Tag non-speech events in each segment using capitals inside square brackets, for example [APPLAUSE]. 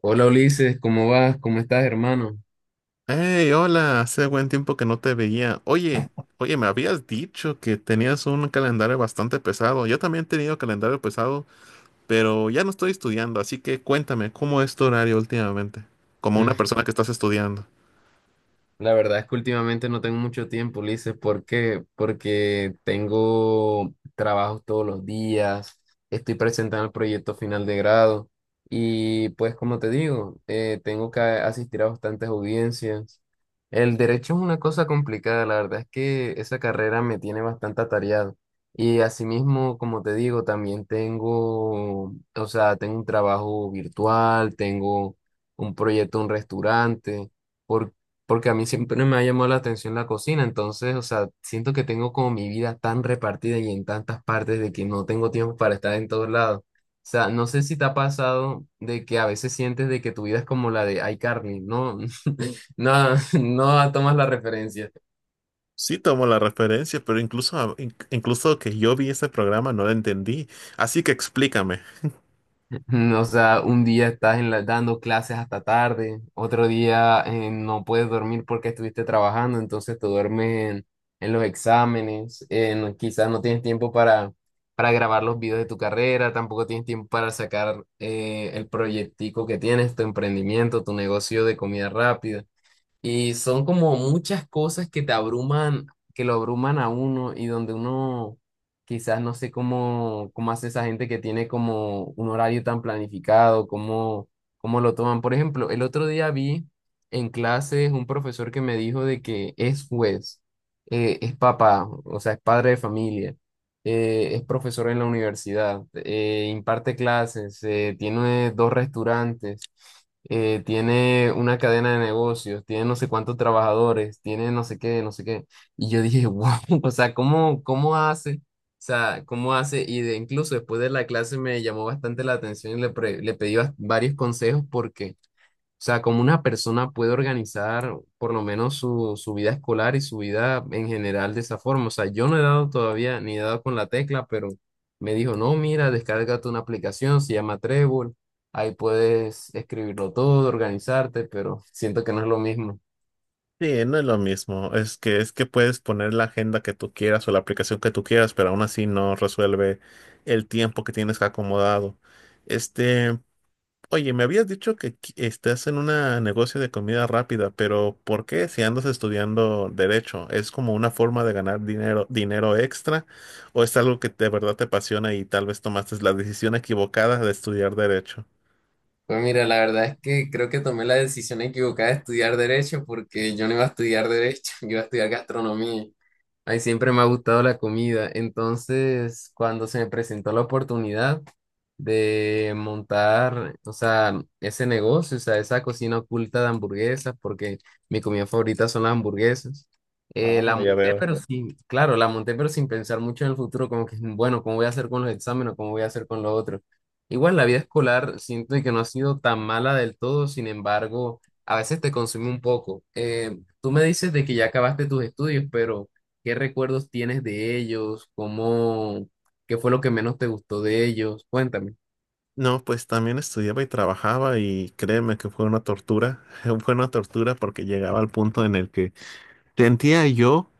Hola Ulises, ¿cómo vas? ¿Cómo estás, hermano? Hey, hola, hace buen tiempo que no te veía. Oye, me habías dicho que tenías un calendario bastante pesado. Yo también he tenido calendario pesado, pero ya no estoy estudiando, así que cuéntame, ¿cómo es tu horario últimamente? Como Mm. una persona que estás estudiando. La verdad es que últimamente no tengo mucho tiempo, Ulises. ¿Por qué? Porque tengo trabajos todos los días, estoy presentando el proyecto final de grado y pues como te digo, tengo que asistir a bastantes audiencias. El derecho es una cosa complicada, la verdad es que esa carrera me tiene bastante atareado. Y asimismo, como te digo, también tengo, o sea, tengo un trabajo virtual, tengo un proyecto, un restaurante porque a mí siempre me ha llamado la atención la cocina, entonces, o sea, siento que tengo como mi vida tan repartida y en tantas partes de que no tengo tiempo para estar en todos lados. O sea, no sé si te ha pasado de que a veces sientes de que tu vida es como la de iCarly, no, [LAUGHS] no, [LAUGHS] no tomas la referencia. Sí, tomo la referencia, pero incluso, incluso que yo vi ese programa no lo entendí, así que explícame. [LAUGHS] O sea, un día estás en dando clases hasta tarde, otro día no puedes dormir porque estuviste trabajando, entonces te duermes en los exámenes, quizás no tienes tiempo para grabar los videos de tu carrera, tampoco tienes tiempo para sacar el proyectico que tienes, tu emprendimiento, tu negocio de comida rápida. Y son como muchas cosas que te abruman, que lo abruman a uno y donde uno quizás no sé cómo, cómo hace esa gente que tiene como un horario tan planificado, cómo, cómo lo toman. Por ejemplo, el otro día vi en clases un profesor que me dijo de que es juez, es papá, o sea, es padre de familia, es profesor en la universidad, imparte clases, tiene 2 restaurantes, tiene una cadena de negocios, tiene no sé cuántos trabajadores, tiene no sé qué, no sé qué. Y yo dije, wow, [LAUGHS] o sea, ¿cómo, cómo hace? O sea, ¿cómo hace? Y de, incluso después de la clase me llamó bastante la atención y le pedí varios consejos porque o sea, cómo una persona puede organizar por lo menos su, su vida escolar y su vida en general de esa forma. O sea, yo no he dado todavía ni he dado con la tecla, pero me dijo, no, mira, descárgate una aplicación, se llama Trello, ahí puedes escribirlo todo, organizarte, pero siento que no es lo mismo. Sí, no es lo mismo. Es que puedes poner la agenda que tú quieras o la aplicación que tú quieras, pero aún así no resuelve el tiempo que tienes acomodado. Este, Oye, me habías dicho que estás en un negocio de comida rápida, pero ¿por qué si andas estudiando derecho? ¿Es como una forma de ganar dinero, dinero extra o es algo que de verdad te apasiona y tal vez tomaste la decisión equivocada de estudiar derecho? Pues mira, la verdad es que creo que tomé la decisión equivocada de estudiar derecho porque yo no iba a estudiar derecho, [LAUGHS] yo iba a estudiar gastronomía. Ay, siempre me ha gustado la comida. Entonces, cuando se me presentó la oportunidad de montar, o sea, ese negocio, o sea, esa cocina oculta de hamburguesas, porque mi comida favorita son las hamburguesas, Ah, la ya monté, veo. pero sí, claro, la monté, pero sin pensar mucho en el futuro, como que, bueno, ¿cómo voy a hacer con los exámenes? ¿Cómo voy a hacer con lo otro? Igual la vida escolar siento que no ha sido tan mala del todo, sin embargo, a veces te consume un poco. Tú me dices de que ya acabaste tus estudios, pero ¿qué recuerdos tienes de ellos? ¿Cómo, qué fue lo que menos te gustó de ellos? Cuéntame. No, pues también estudiaba y trabajaba y créeme que fue una tortura, [LAUGHS] fue una tortura porque llegaba al punto en el que sentía yo,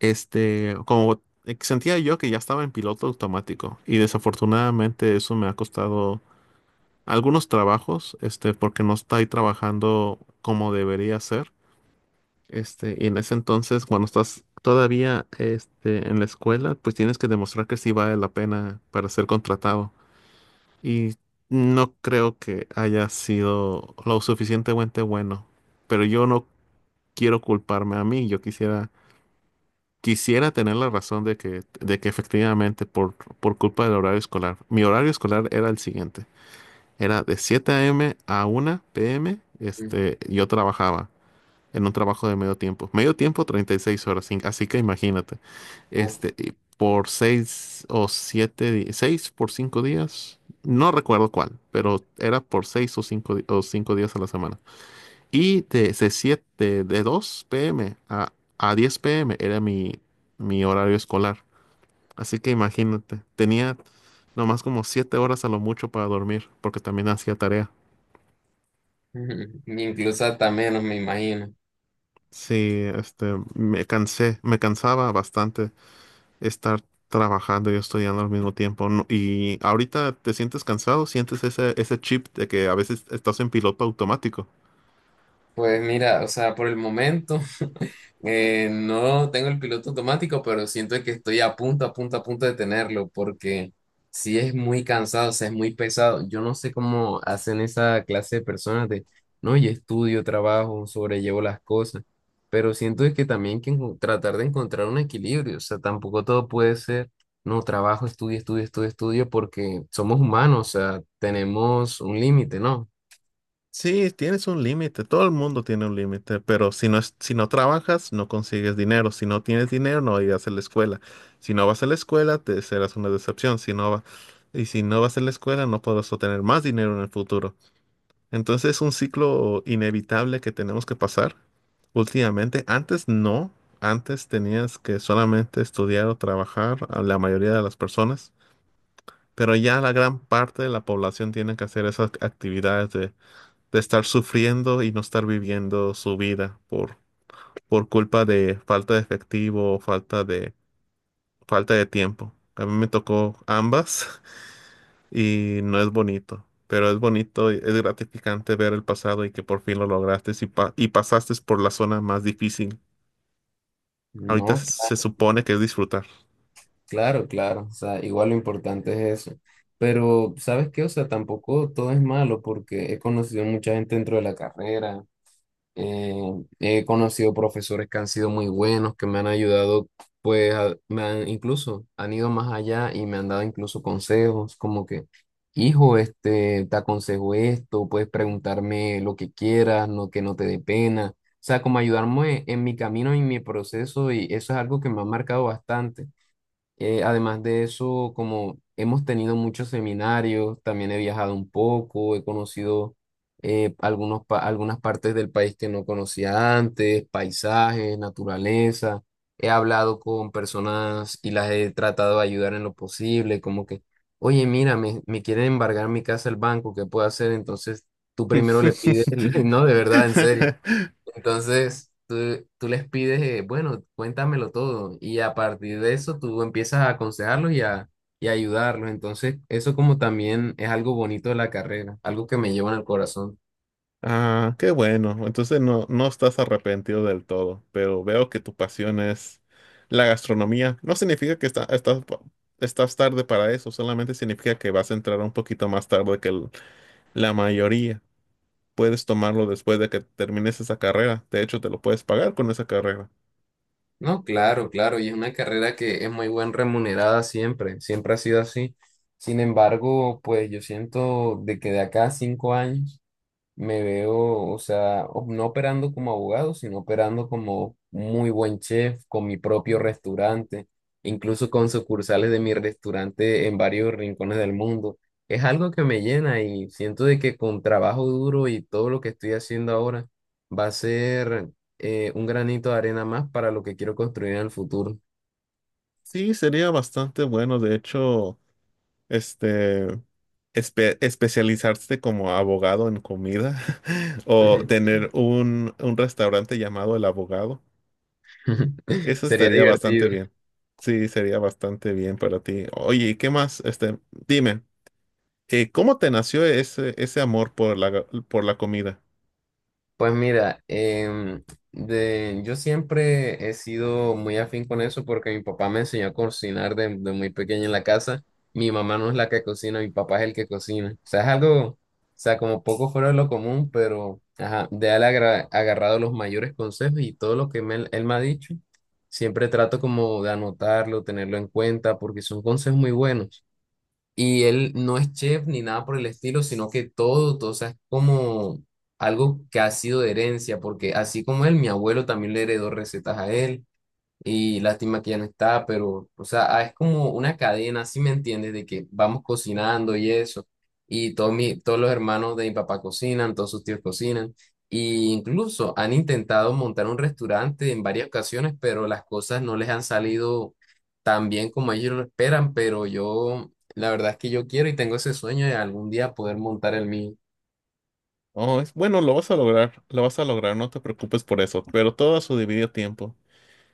sentía yo que ya estaba en piloto automático y desafortunadamente eso me ha costado algunos trabajos, porque no estoy trabajando como debería ser, y en ese entonces cuando estás todavía, en la escuela, pues tienes que demostrar que sí vale la pena para ser contratado. Y no creo que haya sido lo suficientemente bueno. Pero yo no quiero culparme a mí. Yo quisiera tener la razón de que efectivamente por culpa del horario escolar. Mi horario escolar era el siguiente. Era de 7 a.m. a una p m. Ujú. Yo trabajaba en un trabajo de medio tiempo. Medio tiempo, 36 horas, así que imagínate, Uf. Y por 6 o 7, 6 por 5 días, no recuerdo cuál, pero era por 6 o 5, o 5 días a la semana. Y de 2 p.m. a 10 p.m. era mi horario escolar. Así que imagínate, tenía nomás como 7 horas a lo mucho para dormir, porque también hacía tarea. [LAUGHS] Incluso hasta menos, me imagino. Sí, me cansé, me cansaba bastante estar trabajando y estudiando al mismo tiempo. Y ahorita te sientes cansado, sientes ese chip de que a veces estás en piloto automático. Pues mira, o sea, por el momento. No tengo el piloto automático, pero siento que estoy a punto, a punto, a punto de tenerlo, porque si es muy cansado, o sea, es muy pesado. Yo no sé cómo hacen esa clase de personas de, no, y estudio, trabajo, sobrellevo las cosas, pero siento que también hay que tratar de encontrar un equilibrio, o sea, tampoco todo puede ser, no, trabajo, estudio, estudio, estudio, estudio, porque somos humanos, o sea, tenemos un límite, ¿no? Sí, tienes un límite, todo el mundo tiene un límite, pero si no trabajas, no consigues dinero. Si no tienes dinero, no irás a la escuela. Si no vas a la escuela, te serás una decepción. Y si no vas a la escuela, no podrás obtener más dinero en el futuro. Entonces es un ciclo inevitable que tenemos que pasar últimamente. Antes no, antes tenías que solamente estudiar o trabajar a la mayoría de las personas, pero ya la gran parte de la población tiene que hacer esas actividades de estar sufriendo y no estar viviendo su vida por culpa de falta de efectivo, falta de tiempo. A mí me tocó ambas [LAUGHS] y no es bonito, pero es bonito, y es gratificante ver el pasado y que por fin lo lograste y pasaste por la zona más difícil. Ahorita No, se supone que es disfrutar. claro, claro, o sea, igual lo importante es eso. Pero, ¿sabes qué? O sea, tampoco todo es malo porque he conocido mucha gente dentro de la carrera, eh, he conocido profesores que han sido muy buenos, que me han ayudado, pues, me han, incluso han ido más allá y me han dado incluso consejos, como que, hijo, este, te aconsejo esto, puedes preguntarme lo que quieras, no que no te dé pena. O sea, como ayudarme en mi camino y en mi proceso y eso es algo que me ha marcado bastante. Además de eso, como hemos tenido muchos seminarios, también he viajado un poco, he conocido algunas partes del país que no conocía antes, paisajes, naturaleza. He hablado con personas y las he tratado de ayudar en lo posible, como que, oye, mira, me quieren embargar mi casa el banco, ¿qué puedo hacer? Entonces, tú primero le pides, [LAUGHS] no, de [LAUGHS] verdad, en serio. Entonces, tú les pides, bueno, cuéntamelo todo y a partir de eso tú empiezas a aconsejarlos y a ayudarlos. Entonces, eso como también es algo bonito de la carrera, algo que me lleva en el corazón. Ah, qué bueno. Entonces no, no estás arrepentido del todo, pero veo que tu pasión es la gastronomía. No significa que estás tarde para eso, solamente significa que vas a entrar un poquito más tarde que la mayoría. Puedes tomarlo después de que termines esa carrera. De hecho, te lo puedes pagar con esa carrera. No, claro, claro, y es una carrera que es muy buen remunerada siempre, siempre ha sido así. Sin embargo, pues yo siento de que de acá a 5 años me veo, o sea, no operando como abogado, sino operando como muy buen chef, con mi propio restaurante, incluso con sucursales de mi restaurante en varios rincones del mundo. Es algo que me llena y siento de que con trabajo duro y todo lo que estoy haciendo ahora va a ser un granito de arena más para lo que quiero construir en el futuro. Sí, sería bastante bueno. De hecho, este, especializarse como abogado en comida [LAUGHS] o [LAUGHS] tener un restaurante llamado El Abogado. [LAUGHS] Eso Sería estaría bastante divertido. bien. Sí, sería bastante bien para ti. Oye, ¿y qué más? Dime, ¿cómo te nació ese amor por la comida? Pues mira, yo siempre he sido muy afín con eso porque mi papá me enseñó a cocinar de muy pequeño en la casa. Mi mamá no es la que cocina, mi papá es el que cocina. O sea, es algo, o sea, como poco fuera de lo común, pero ajá, de él agarrado los mayores consejos y todo lo que él me ha dicho, siempre trato como de anotarlo, tenerlo en cuenta porque son consejos muy buenos. Y él no es chef ni nada por el estilo, sino que todo, todo, o sea, es como algo que ha sido de herencia, porque así como él, mi abuelo también le heredó recetas a él, y lástima que ya no está, pero, o sea, ah, es como una cadena, ¿si me entiendes? De que vamos cocinando y eso. Y todos, mi, todos los hermanos de mi papá cocinan, todos sus tíos cocinan. Y incluso han intentado montar un restaurante en varias ocasiones, pero las cosas no les han salido tan bien como ellos lo esperan. Pero yo, la verdad es que yo quiero y tengo ese sueño de algún día poder montar el mío. Oh, es bueno, lo vas a lograr, lo vas a lograr, no te preocupes por eso, pero todo a su debido tiempo.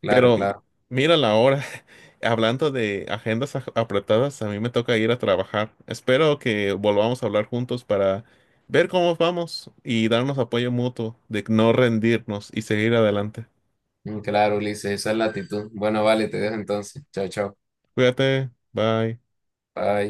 Claro, Pero claro. mira la hora, [LAUGHS] hablando de agendas apretadas, a mí me toca ir a trabajar. Espero que volvamos a hablar juntos para ver cómo vamos y darnos apoyo mutuo de no rendirnos y seguir adelante. Mm, claro, Ulises, esa es la actitud. Bueno, vale, te dejo entonces. Chao, chao. Cuídate, bye. Bye.